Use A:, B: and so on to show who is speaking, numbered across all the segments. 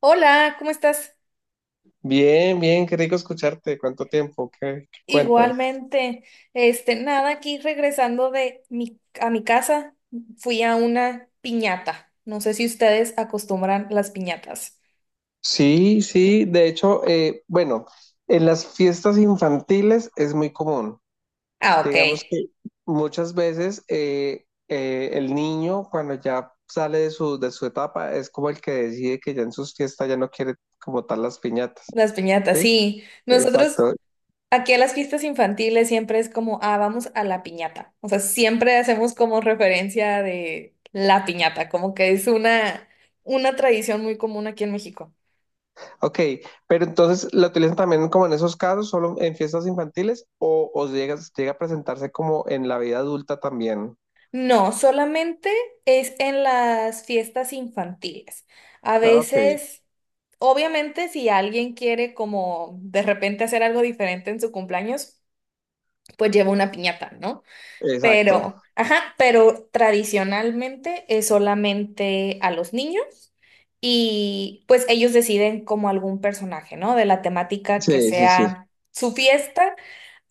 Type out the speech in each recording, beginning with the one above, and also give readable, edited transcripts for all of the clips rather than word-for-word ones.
A: Hola, ¿cómo estás?
B: Bien, bien, qué rico escucharte. ¿Cuánto tiempo? ¿Qué cuentas?
A: Igualmente, nada, aquí regresando a mi casa, fui a una piñata. No sé si ustedes acostumbran las piñatas.
B: Sí, sí, de hecho, bueno, en las fiestas infantiles es muy común.
A: Ah, ok,
B: Digamos que muchas veces el niño cuando ya sale de su etapa es como el que decide que ya en sus fiestas ya no quiere como tal las piñatas,
A: las piñatas,
B: ¿sí?
A: sí. Nosotros
B: Exacto.
A: aquí a las fiestas infantiles siempre es como, ah, vamos a la piñata. O sea, siempre hacemos como referencia de la piñata, como que es una tradición muy común aquí en México.
B: Ok, pero entonces la utilizan también como en esos casos, solo en fiestas infantiles o llega a presentarse como en la vida adulta también.
A: No, solamente es en las fiestas infantiles. A
B: Ah, ok,
A: veces, obviamente, si alguien quiere como de repente hacer algo diferente en su cumpleaños, pues lleva una piñata, ¿no?
B: exacto.
A: Pero, ajá, pero tradicionalmente es solamente a los niños y pues ellos deciden como algún personaje, ¿no? De la temática que
B: Sí, sí, sí.
A: sea su fiesta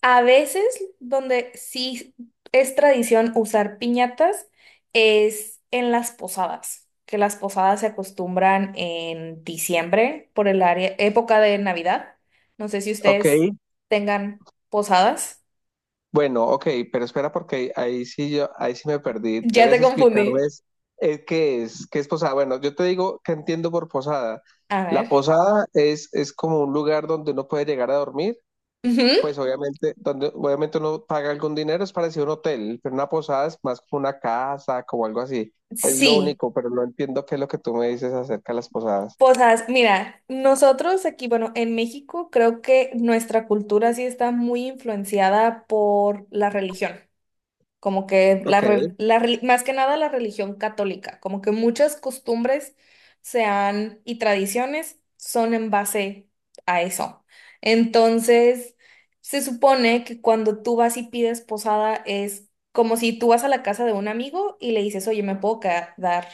A: a veces, donde sí es tradición usar piñatas, es en las posadas, que las posadas se acostumbran en diciembre por el área, época de Navidad. No sé si
B: Ok,
A: ustedes tengan posadas.
B: bueno, ok, pero espera porque ahí sí me perdí.
A: Ya te
B: Debes
A: confundí.
B: explicarles qué es posada. Bueno, yo te digo que entiendo por posada.
A: A
B: La
A: ver.
B: posada es como un lugar donde uno puede llegar a dormir, pues
A: Ujú.
B: obviamente, donde obviamente uno paga algún dinero, es parecido a un hotel, pero una posada es más como una casa, como algo así. Es lo
A: Sí,
B: único, pero no entiendo qué es lo que tú me dices acerca de las posadas.
A: posadas. Mira, nosotros aquí, bueno, en México creo que nuestra cultura sí está muy influenciada por la religión. Como que
B: Ok,
A: más que nada la religión católica, como que muchas costumbres se han y tradiciones son en base a eso. Entonces, se supone que cuando tú vas y pides posada es como si tú vas a la casa de un amigo y le dices, oye, ¿me puedo quedar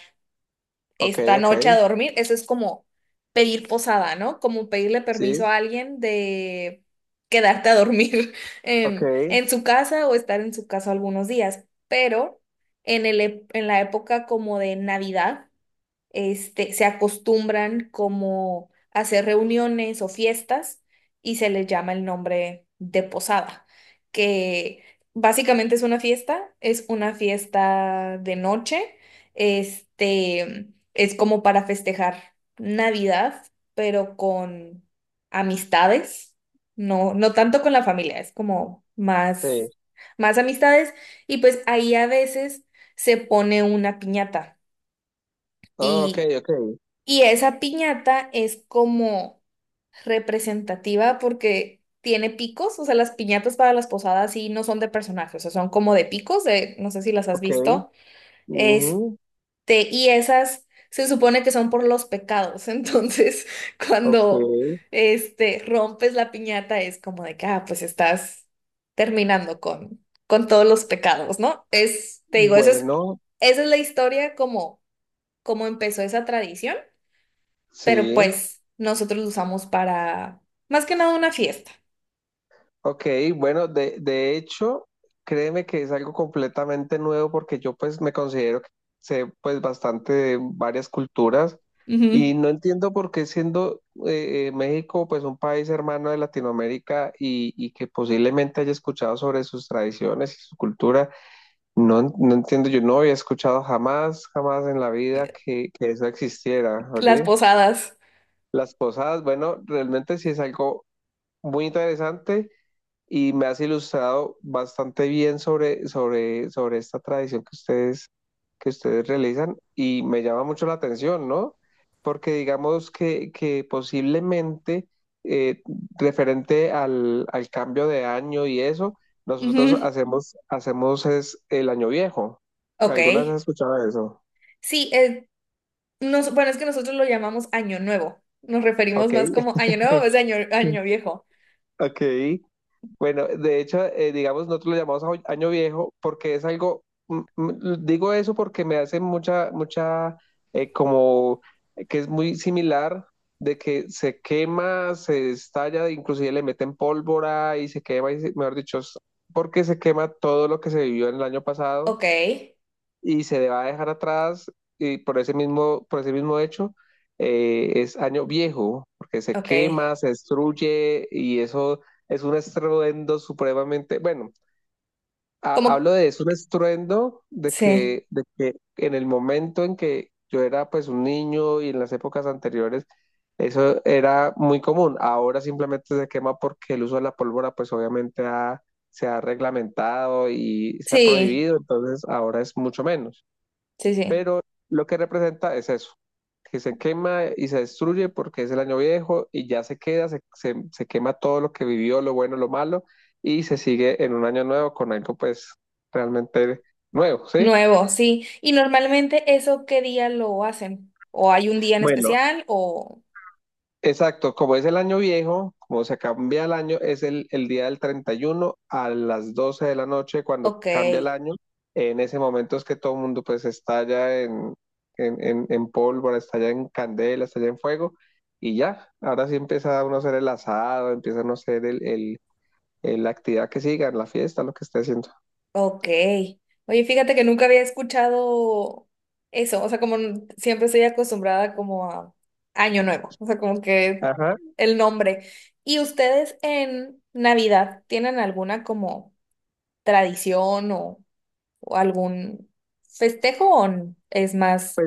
B: ok,
A: esta
B: ok,
A: noche a dormir? Eso es como pedir posada, ¿no? Como pedirle
B: sí,
A: permiso a alguien de quedarte a dormir
B: ok,
A: en su casa o estar en su casa algunos días, pero en la época como de Navidad, se acostumbran como a hacer reuniones o fiestas y se les llama el nombre de posada, que básicamente es una fiesta de noche, este, es como para festejar Navidad, pero con amistades, no, no tanto con la familia, es como más,
B: sí.
A: más amistades y pues ahí a veces se pone una piñata.
B: Oh, ok,
A: Y
B: ok,
A: y esa piñata es como representativa porque tiene picos, o sea, las piñatas para las posadas sí no son de personajes, o sea, son como de picos, de, no sé si las has
B: ok.
A: visto. Este,
B: Ujú,
A: y esas se supone que son por los pecados, entonces
B: ok.
A: cuando rompes la piñata es como de que, ah, pues estás terminando con todos los pecados, ¿no? Es, te digo, eso es
B: Bueno,
A: esa es la historia como empezó esa tradición, pero
B: sí.
A: pues nosotros lo usamos para más que nada una fiesta.
B: Ok, bueno, de hecho, créeme que es algo completamente nuevo porque yo pues me considero que sé pues bastante de varias culturas y
A: Ujú.
B: no entiendo por qué siendo México pues un país hermano de Latinoamérica y que posiblemente haya escuchado sobre sus tradiciones y su cultura, no, no entiendo, yo no había escuchado jamás, jamás en la vida que eso existiera,
A: Las
B: oye.
A: posadas.
B: Las posadas, bueno, realmente sí es algo muy interesante y me has ilustrado bastante bien sobre esta tradición que ustedes realizan y me llama mucho la atención, ¿no? Porque digamos que posiblemente eh, referente al cambio de año y eso, nosotros
A: Ujú.
B: hacemos es el año viejo.
A: Ok.
B: ¿Algunas has escuchado eso?
A: Sí, bueno, es que nosotros lo llamamos año nuevo. Nos referimos
B: Ok,
A: más como año nuevo, es año viejo.
B: ok. Bueno, de hecho, digamos, nosotros lo llamamos año viejo porque es algo, digo eso porque me hace mucha, mucha, como que es muy similar de que se quema, se estalla, inclusive le meten pólvora y se quema, mejor dicho, es porque se quema todo lo que se vivió en el año pasado
A: Ok,
B: y se le va a dejar atrás y por ese mismo hecho es año viejo, porque se
A: ok.
B: quema, se destruye y eso es un estruendo supremamente, bueno,
A: Como,
B: hablo de eso, un estruendo de
A: sí,
B: que en el momento en que yo era pues un niño y en las épocas anteriores, eso era muy común. Ahora simplemente se quema porque el uso de la pólvora pues obviamente se ha reglamentado y se ha
A: sí,
B: prohibido, entonces ahora es mucho menos
A: sí, sí.
B: pero lo que representa es eso, que se quema y se destruye porque es el año viejo y ya se queda, se quema todo lo que vivió, lo bueno, lo malo, y se sigue en un año nuevo con algo pues realmente nuevo, ¿sí?
A: Nuevo, sí. Y normalmente eso, ¿qué día lo hacen? ¿O hay un día en
B: Bueno,
A: especial? O,
B: exacto, como es el año viejo, como se cambia el año, es el día del 31 a las 12 de la noche cuando
A: ok.
B: cambia el año. En ese momento es que todo el mundo pues estalla en pólvora, estalla en candela, estalla en fuego y ya, ahora sí empieza uno a hacer el asado, empieza uno a hacer la actividad que sigan, la fiesta, lo que esté haciendo.
A: Ok. Oye, fíjate que nunca había escuchado eso. O sea, como siempre estoy acostumbrada como a Año Nuevo. O sea, como que
B: Ajá.
A: el nombre. ¿Y ustedes en Navidad tienen alguna como tradición o algún festejo o es más?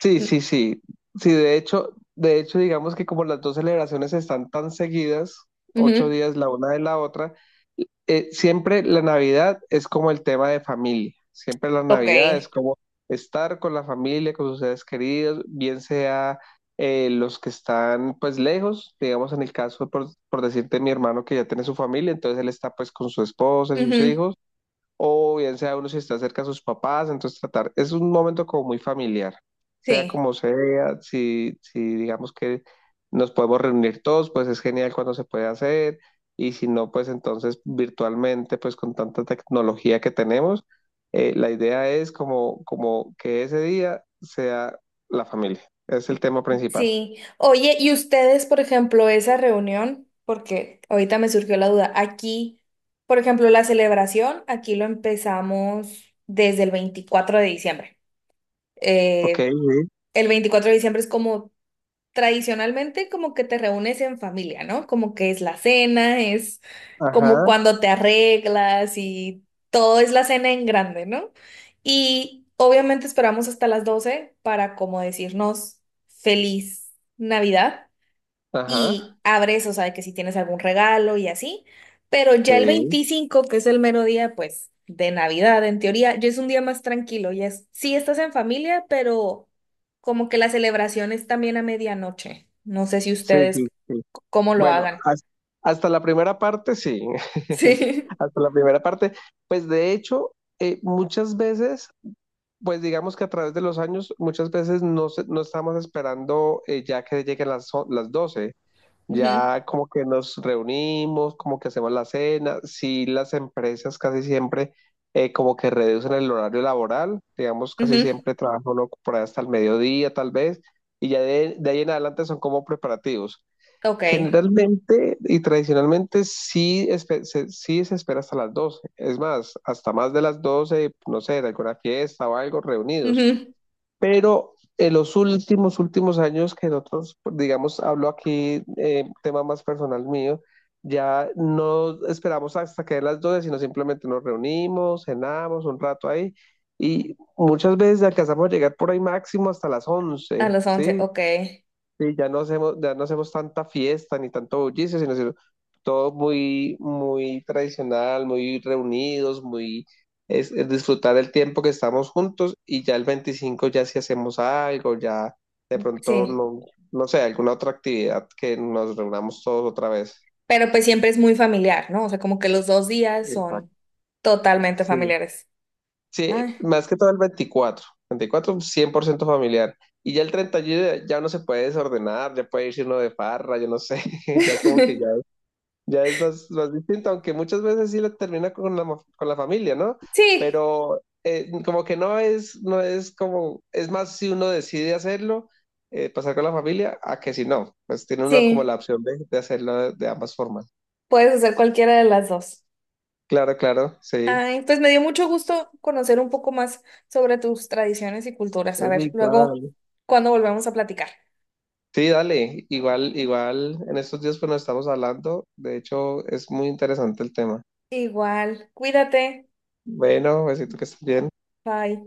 B: Sí,
A: Mm.
B: sí, sí. Sí, de hecho, digamos que como las dos celebraciones están tan seguidas, ocho
A: Ujú.
B: días la una de la otra, siempre la Navidad es como el tema de familia, siempre la
A: Ok.
B: Navidad es como estar con la familia, con sus seres queridos, bien sea los que están pues lejos, digamos en el caso por decirte mi hermano que ya tiene su familia, entonces él está pues con su esposa y sus
A: Ujú.
B: hijos o bien sea uno si está cerca de sus papás, entonces tratar, es un momento como muy familiar, sea
A: Sí.
B: como sea, si digamos que nos podemos reunir todos, pues es genial cuando se puede hacer, y si no, pues entonces virtualmente, pues con tanta tecnología que tenemos, la idea es como que ese día sea la familia, es el tema principal.
A: Sí. Oye, ¿y ustedes, por ejemplo, esa reunión? Porque ahorita me surgió la duda. Aquí, por ejemplo, la celebración, aquí lo empezamos desde el 24 de diciembre.
B: Ok,
A: Eh,
B: sí.
A: el 24 de diciembre es como tradicionalmente como que te reúnes en familia, ¿no? Como que es la cena, es como
B: Ajá,
A: cuando te arreglas y todo es la cena en grande, ¿no? Y obviamente esperamos hasta las 12 para como decirnos feliz Navidad
B: ajá.
A: y abres, o sea, de que si tienes algún regalo y así, pero ya el
B: Sí,
A: 25, que es el mero día, pues, de Navidad, en teoría, ya es un día más tranquilo, ya es, sí estás en familia, pero como que la celebración es también a medianoche. No sé si
B: sí,
A: ustedes
B: sí, sí.
A: cómo lo
B: Bueno,
A: hagan.
B: hasta la primera parte, sí.
A: Sí.
B: Hasta la primera parte. Pues de hecho, muchas veces, pues digamos que a través de los años, muchas veces no, no estamos esperando ya que lleguen las 12.
A: Ujú,
B: Ya como que nos reunimos, como que hacemos la cena. Sí, las empresas casi siempre como que reducen el horario laboral. Digamos, casi
A: ujú,
B: siempre trabajan uno por ahí hasta el mediodía, tal vez. Y ya de ahí en adelante son como preparativos.
A: ok.
B: Generalmente y tradicionalmente sí, sí se espera hasta las 12, es más, hasta más de las 12 no sé, de alguna fiesta o algo, reunidos.
A: Ujú.
B: Pero en los últimos, últimos años que nosotros, digamos, hablo aquí, tema más personal mío, ya no esperamos hasta que den las 12 sino simplemente nos reunimos, cenamos un rato ahí y muchas veces alcanzamos a llegar por ahí máximo hasta las
A: A
B: 11,
A: las 11,
B: ¿sí?
A: ok.
B: Sí, ya no hacemos tanta fiesta ni tanto bullicio, sino todo muy, muy tradicional, muy reunidos, muy es disfrutar el tiempo que estamos juntos y ya el 25 ya si hacemos algo, ya de pronto
A: Sí.
B: no, no sé, alguna otra actividad que nos reunamos todos otra vez.
A: Pero pues siempre es muy familiar, ¿no? O sea, como que los dos días
B: Exacto.
A: son totalmente
B: Sí.
A: familiares.
B: Sí,
A: Ah.
B: más que todo el veinticuatro 100% familiar. Y ya el 31 ya uno se puede desordenar, ya puede irse uno de farra, yo no sé, ya como que ya. Ya es más, más distinto, aunque muchas veces sí la termina con la familia, ¿no?
A: Sí,
B: Pero como que no es como, es más si uno decide hacerlo, pasar con la familia, a que si no, pues tiene uno como
A: sí,
B: la opción de hacerlo de ambas formas.
A: puedes hacer cualquiera de las dos.
B: Claro, claro, sí.
A: Ay, pues me dio mucho gusto conocer un poco más sobre tus tradiciones y culturas. A
B: Oye,
A: ver, luego,
B: igual.
A: cuando volvemos a platicar.
B: Sí, dale, igual, igual, en estos días pues nos estamos hablando, de hecho es muy interesante el tema.
A: Igual, cuídate.
B: Bueno, besito que estés bien.
A: Bye.